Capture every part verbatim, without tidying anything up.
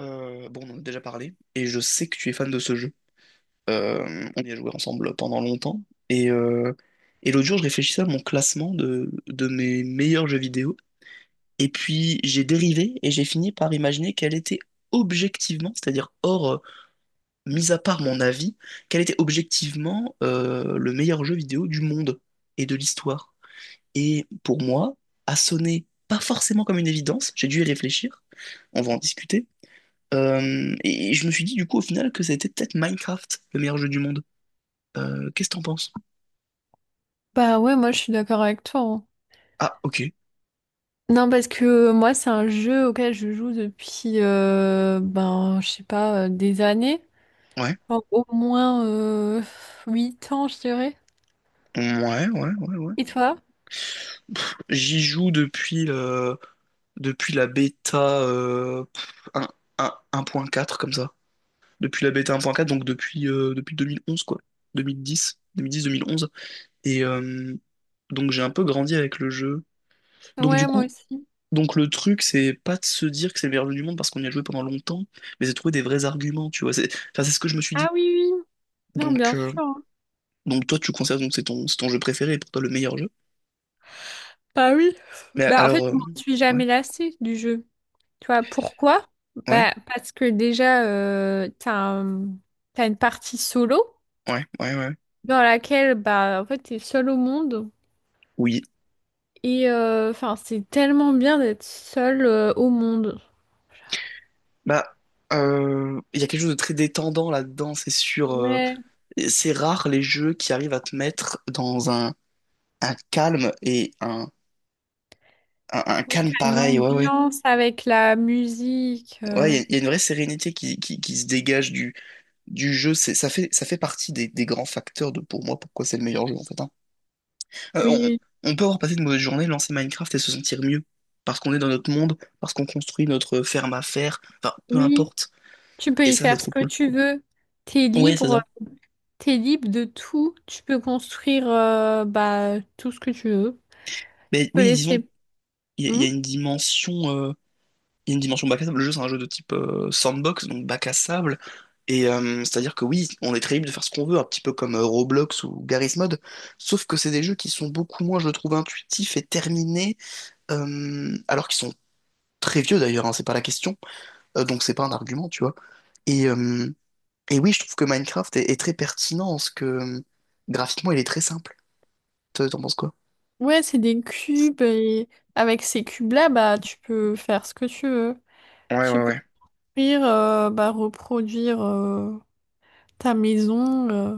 Euh, bon, on en a déjà parlé, et je sais que tu es fan de ce jeu. Euh, on y a joué ensemble pendant longtemps, et, euh, et l'autre jour, je réfléchissais à mon classement de, de mes meilleurs jeux vidéo, et puis j'ai dérivé, et j'ai fini par imaginer quel était objectivement, c'est-à-dire hors, euh, mis à part mon avis, quel était objectivement euh, le meilleur jeu vidéo du monde et de l'histoire. Et pour moi, a sonné pas forcément comme une évidence, j'ai dû y réfléchir, on va en discuter, euh, et, et je me suis dit du coup au final que c'était peut-être Minecraft, le meilleur jeu du monde. Euh, qu'est-ce que t'en penses? Bah ouais, moi je suis d'accord avec toi, hein. Ah, ok. Non, parce que euh, moi c'est un jeu auquel je joue depuis, euh, ben je sais pas, euh, des années. Ouais. Enfin, au moins euh, huit ans, je dirais. Ouais, ouais, ouais, ouais. Et toi? J'y joue depuis le- depuis la bêta euh, pff, un- un- un point quatre, comme ça. Depuis la bêta un point quatre, donc depuis, euh, depuis deux mille onze, quoi. Deux deux mille mille dix dix deux mille dix-deux mille onze. Et, euh, donc j'ai un peu grandi avec le jeu. Donc, du Ouais, moi coup, aussi. donc le truc c'est pas de se dire que c'est le meilleur jeu du monde parce qu'on y a joué pendant longtemps, mais c'est de trouver des vrais arguments, tu vois. C'est, enfin, c'est ce que je me suis Ah dit. oui, oui. Non, Donc, bien euh, sûr, hein. donc toi, tu considères, donc c'est ton, c'est ton jeu préféré et pour toi le meilleur jeu. Bah oui. Mais Bah en fait, alors, je euh, m'en suis ouais, jamais lassée du jeu. Tu vois, pourquoi? ouais, Bah parce que déjà, euh, t'as un- t'as une partie solo ouais, ouais, ouais. dans laquelle, bah en fait, t'es seul au monde. Oui. Et euh, enfin, c'est tellement bien d'être seul euh, au monde. Bah, euh, il y a quelque chose de très détendant là-dedans, c'est sûr. euh, Ouais, C'est rare les jeux qui arrivent à te mettre dans un, un calme et un, un, un ouais, calme t'as une pareil. Ouais, ouais. ambiance avec la musique. Ouais, il euh, y, a il y a une vraie sérénité qui, qui, qui se dégage du, du jeu. C'est, ça fait, ça fait partie des, des grands facteurs de pour moi pourquoi c'est le meilleur jeu, en fait, hein. Oui, Euh, oui, on, on peut avoir passé une mauvaise journée, lancer Minecraft et se sentir mieux. Parce qu'on est dans notre monde, parce qu'on construit notre ferme à faire, enfin, peu oui. importe. Tu peux Et y ça, c'est faire ce trop que cool. tu veux. T'es Ouais, c'est libre, ça. t'es libre de tout. Tu peux construire euh, bah, tout ce que tu veux. Mais Tu peux oui, disons, laisser. il y, a il y Hmm. a une dimension, euh, il y a une dimension bac à sable. Le jeu, c'est un jeu de type euh, sandbox, donc bac à sable. Et euh, c'est-à-dire que oui, on est très libre de faire ce qu'on veut, un petit peu comme euh, Roblox ou Garry's Mod. Sauf que c'est des jeux qui sont beaucoup moins, je le trouve, intuitifs et terminés, euh, alors qu'ils sont très vieux d'ailleurs, hein, c'est pas la question. Euh, donc c'est pas un argument, tu vois. Et, euh, et oui, je trouve que Minecraft est, est très pertinent en ce que, euh, graphiquement il est très simple. Toi, t'en penses quoi? Ouais, c'est des cubes et avec ces cubes-là, bah, tu peux faire ce que tu veux. Ouais, Tu ouais, peux ouais. construire, euh, bah, reproduire euh, ta maison. euh.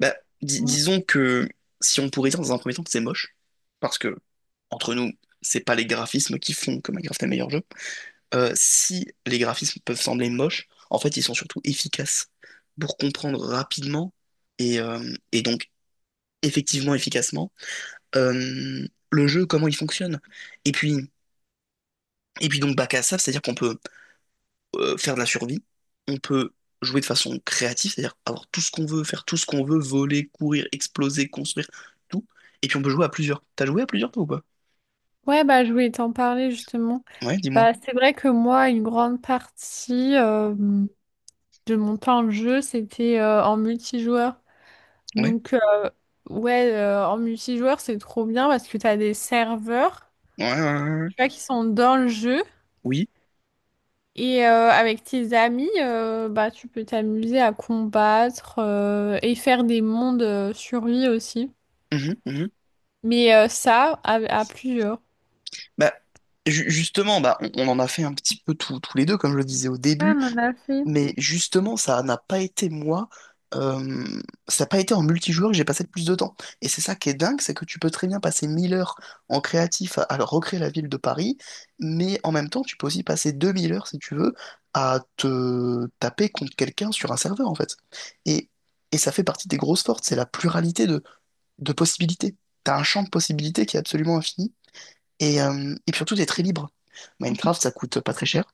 Bah, di- disons que si on pourrait dire dans un premier temps que c'est moche, parce que, entre nous, c'est pas les graphismes qui font que Minecraft est le meilleur jeu. Euh, si les graphismes peuvent sembler moches, en fait, ils sont surtout efficaces pour comprendre rapidement et, euh, et donc effectivement, efficacement, euh, le jeu, comment il fonctionne. Et puis, et puis donc, bac à ça, c'est-à-dire qu'on peut euh, faire de la survie, on peut jouer de façon créative, c'est-à-dire avoir tout ce qu'on veut, faire tout ce qu'on veut, voler, courir, exploser, construire, tout. Et puis on peut jouer à plusieurs. T'as joué à plusieurs toi ou pas? Ouais, bah, je voulais t'en parler justement. Ouais, dis-moi. Bah, c'est vrai que moi, une grande partie euh, de mon temps de jeu, c'était euh, en multijoueur. Ouais. Donc, euh, ouais, euh, en multijoueur, c'est trop bien parce que t'as des serveurs, Ouais, ouais, ouais, ouais. tu vois, qui sont dans le jeu. Oui. Et euh, avec tes amis, euh, bah, tu peux t'amuser à combattre euh, et faire des mondes euh, sur aussi. Mhm, mhm. Mais euh, ça, à, à plusieurs. Bah, ju- justement, bah, on, on en a fait un petit peu tous tous les deux, comme je le disais au Ouais, début. on en a fait. Mais justement, ça n'a pas été moi, euh, ça n'a pas été en multijoueur que j'ai passé le plus de temps. Et c'est ça qui est dingue, c'est que tu peux très bien passer mille heures en créatif à, à recréer la ville de Paris, mais en même temps, tu peux aussi passer deux mille heures, si tu veux, à te taper contre quelqu'un sur un serveur, en fait. Et, et ça fait partie des grosses forces, c'est la pluralité de, de possibilités. T'as un champ de possibilités qui est absolument infini, et, euh, et puis surtout, t'es très libre. Minecraft, ça coûte pas très cher.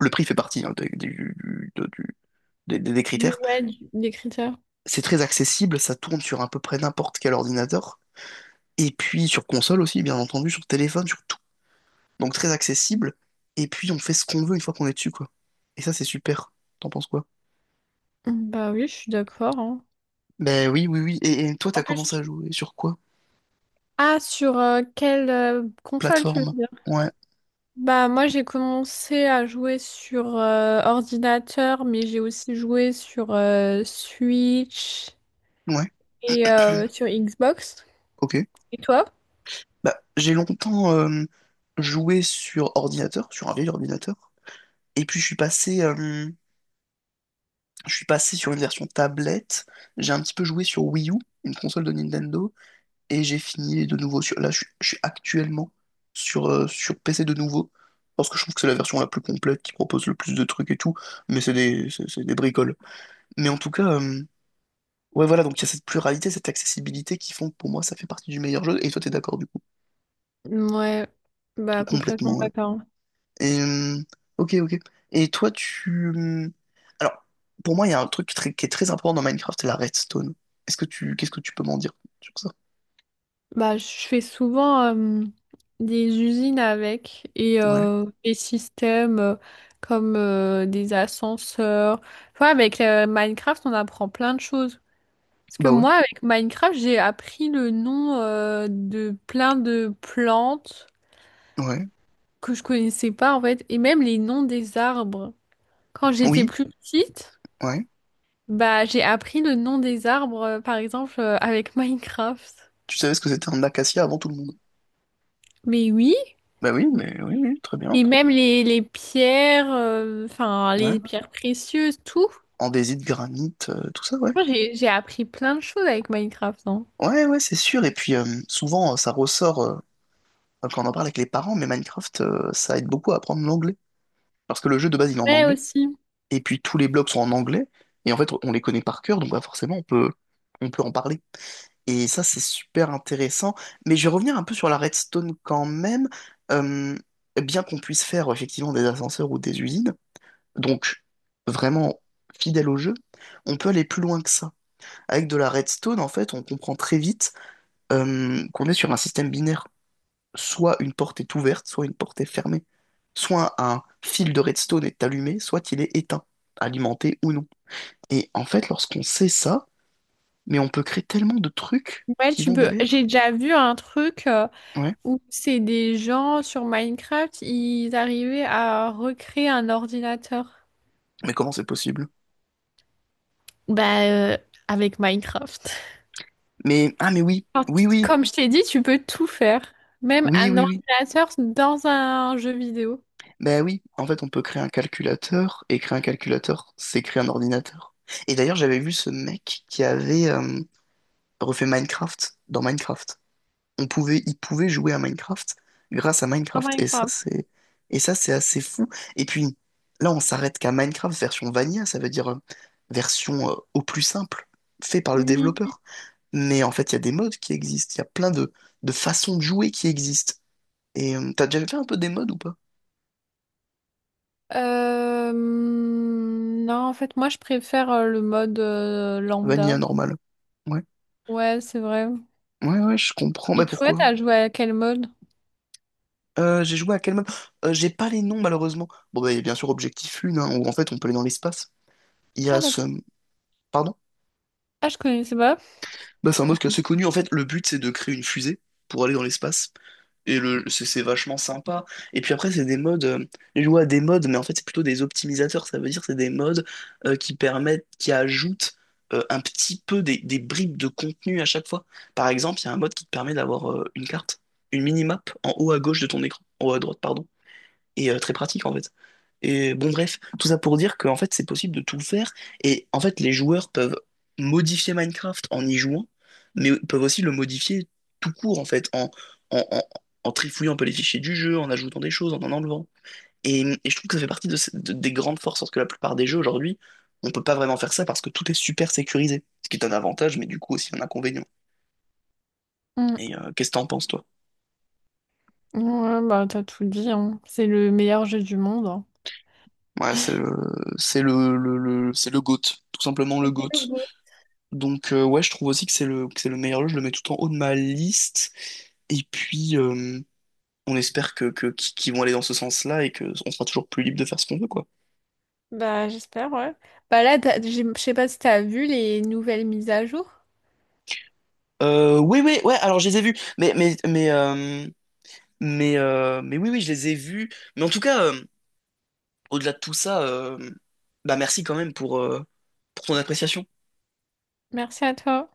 Le prix fait partie, hein, des- du, des, des Du, critères. ouais, du- des critères. C'est très accessible, ça tourne sur à peu près n'importe quel ordinateur. Et puis sur console aussi, bien entendu, sur téléphone, sur tout. Donc très accessible. Et puis on fait ce qu'on veut une fois qu'on est dessus, quoi. Et ça, c'est super. T'en penses quoi? Bah oui, je suis d'accord, hein. Ben oui, oui, oui. Et, et toi, En t'as plus, commencé à tu- jouer sur quoi? Ah, sur euh, quelle euh, console tu veux Plateforme. dire? Ouais, Bah moi j'ai commencé à jouer sur euh, ordinateur, mais j'ai aussi joué sur euh, Switch ouais, et euh, sur Xbox. ok. Et toi? Bah, j'ai longtemps euh, joué sur ordinateur, sur un vieil ordinateur. Et puis je suis passé, euh, je suis passé sur une version tablette. J'ai un petit peu joué sur Wii U, une console de Nintendo. Et j'ai fini de nouveau sur... Là, je, suis je suis actuellement sur, euh, sur P C de nouveau parce que je trouve que c'est la version la plus complète qui propose le plus de trucs et tout, mais c'est des, c'est c'est des bricoles. Mais en tout cas, euh, ouais, voilà, donc il y a cette pluralité, cette accessibilité qui font que pour moi ça fait partie du meilleur jeu, et toi t'es d'accord du coup, Ouais, bah complètement complètement, ouais. d'accord. Et, euh, ok, ok. Et toi, tu. Euh, Alors, pour moi, il y a un truc très- qui est très important dans Minecraft, c'est la redstone. Est-ce que tu, qu'est-ce que tu peux m'en dire sur ça? Bah je fais souvent euh, des usines avec et Ouais, euh, des systèmes euh, comme euh, des ascenseurs. Enfin avec euh, Minecraft on apprend plein de choses. Parce que bah ouais, moi, avec Minecraft, j'ai appris le nom euh, de plein de plantes ouais, que je connaissais pas en fait, et même les noms des arbres. Quand j'étais oui, plus petite, ouais. bah j'ai appris le nom des arbres, euh, par exemple, euh, avec Minecraft. Tu savais ce que c'était un acacia avant tout le monde? Mais oui, Bah oui, mais oui, oui, très bien. et même les, les pierres, euh, enfin Ouais. les pierres précieuses, tout. Andésite, granit, euh, tout ça, ouais. Moi, j'ai j'ai appris plein de choses avec Minecraft, non? Ouais, ouais, c'est sûr. Et puis, euh, souvent, euh, ça ressort, euh, quand on en parle avec les parents, mais Minecraft, euh, ça aide beaucoup à apprendre l'anglais. Parce que le jeu de base, il est en Ouais anglais. aussi. Et puis tous les blocs sont en anglais. Et en fait, on les connaît par cœur, donc bah, forcément, on peut, on peut en parler. Et ça, c'est super intéressant. Mais je vais revenir un peu sur la redstone quand même. Euh, Bien qu'on puisse faire effectivement des ascenseurs ou des usines. Donc, vraiment fidèle au jeu, on peut aller plus loin que ça. Avec de la redstone, en fait, on comprend très vite euh, qu'on est sur un système binaire. Soit une porte est ouverte, soit une porte est fermée. Soit un fil de redstone est allumé, soit il est éteint, alimenté ou non. Et en fait, lorsqu'on sait ça, mais on peut créer tellement de trucs Ouais, qui tu vont peux. derrière. J'ai déjà vu un truc. euh, Ouais. où c'est des gens sur Minecraft, ils arrivaient à recréer un ordinateur. Mais comment c'est possible? Bah, euh, avec Minecraft. Mais, ah, mais oui, Alors, tu- oui, oui, Comme je t'ai dit, tu peux tout faire, même oui, un oui, oui. ordinateur dans un jeu vidéo. Ben oui, en fait, on peut créer un calculateur, et créer un calculateur, c'est créer un ordinateur. Et d'ailleurs, j'avais vu ce mec qui avait euh, refait Minecraft dans Minecraft. On pouvait, il pouvait jouer à Minecraft grâce à Dans Minecraft, et ça, Minecraft. c'est, et ça, c'est assez fou. Et puis, là, on s'arrête qu'à Minecraft version vanilla, ça veut dire euh, version euh, au plus simple, fait par le Oui. développeur. Mais en fait, il y a des modes qui existent, il y a plein de, de façons de jouer qui existent. Et euh, t'as déjà fait un peu des modes ou pas? Euh, non, en fait, moi, je préfère euh, le mode euh, Vanilla lambda. normal. Ouais. Ouais, c'est vrai. Ouais, ouais, je comprends. Et Mais toi, pourquoi? t'as joué à quel mode? Euh, j'ai joué à quel mode? Euh, j'ai pas les noms, malheureusement. Bon, bah, il y a bien sûr Objectif Lune, hein, où en fait, on peut aller dans l'espace. Il y Ah, a ce... d'accord. Pardon? Ah, je connaissais pas. Bah, c'est un mode qui est assez connu. En fait, le but, c'est de créer une fusée pour aller dans l'espace. Et le... c'est c'est vachement sympa. Et puis après, c'est des modes... euh, J'ai joué à des modes, mais en fait, c'est plutôt des optimisateurs. Ça veut dire c'est des modes euh, qui permettent... qui ajoutent euh, un petit peu des... des bribes de contenu à chaque fois. Par exemple, il y a un mode qui te permet d'avoir euh, une carte, une minimap en haut à gauche de ton écran. En haut à droite, pardon. Et, euh, très pratique en fait. Et bon, bref, tout ça pour dire qu'en fait, c'est possible de tout faire. Et en fait, les joueurs peuvent modifier Minecraft en y jouant, mais peuvent aussi le modifier tout court en fait, en, en, en, en trifouillant un peu les fichiers du jeu, en ajoutant des choses, en en enlevant. Et, et je trouve que ça fait partie de, ce- de- des grandes forces, parce que la plupart des jeux aujourd'hui, on peut pas vraiment faire ça parce que tout est super sécurisé, ce qui est un avantage, mais du coup aussi un inconvénient. Hmm. Et euh, qu'est-ce que t'en penses, toi? Ouais, bah, t'as tout dit, hein. C'est le meilleur jeu du monde, hein. Ouais, c'est le, c'est le, le, le- c'est le GOAT, tout simplement le GOAT. Donc, euh, ouais, je trouve aussi que c'est le, que c'est le meilleur jeu, je le mets tout en haut de ma liste. Et puis, euh, on espère que, que, qu'ils vont aller dans ce sens-là et que on sera toujours plus libre de faire ce qu'on veut, quoi. Bah, j'espère, ouais. Bah là, t'as- j'ai- je sais pas si t'as vu les nouvelles mises à jour. Euh, oui, oui, ouais, alors je les ai vus. Mais mais mais euh, mais, euh, mais oui, oui, je les ai vus. Mais en tout cas, euh, au-delà de tout ça, euh, bah merci quand même pour, euh, pour ton appréciation. Merci à toi.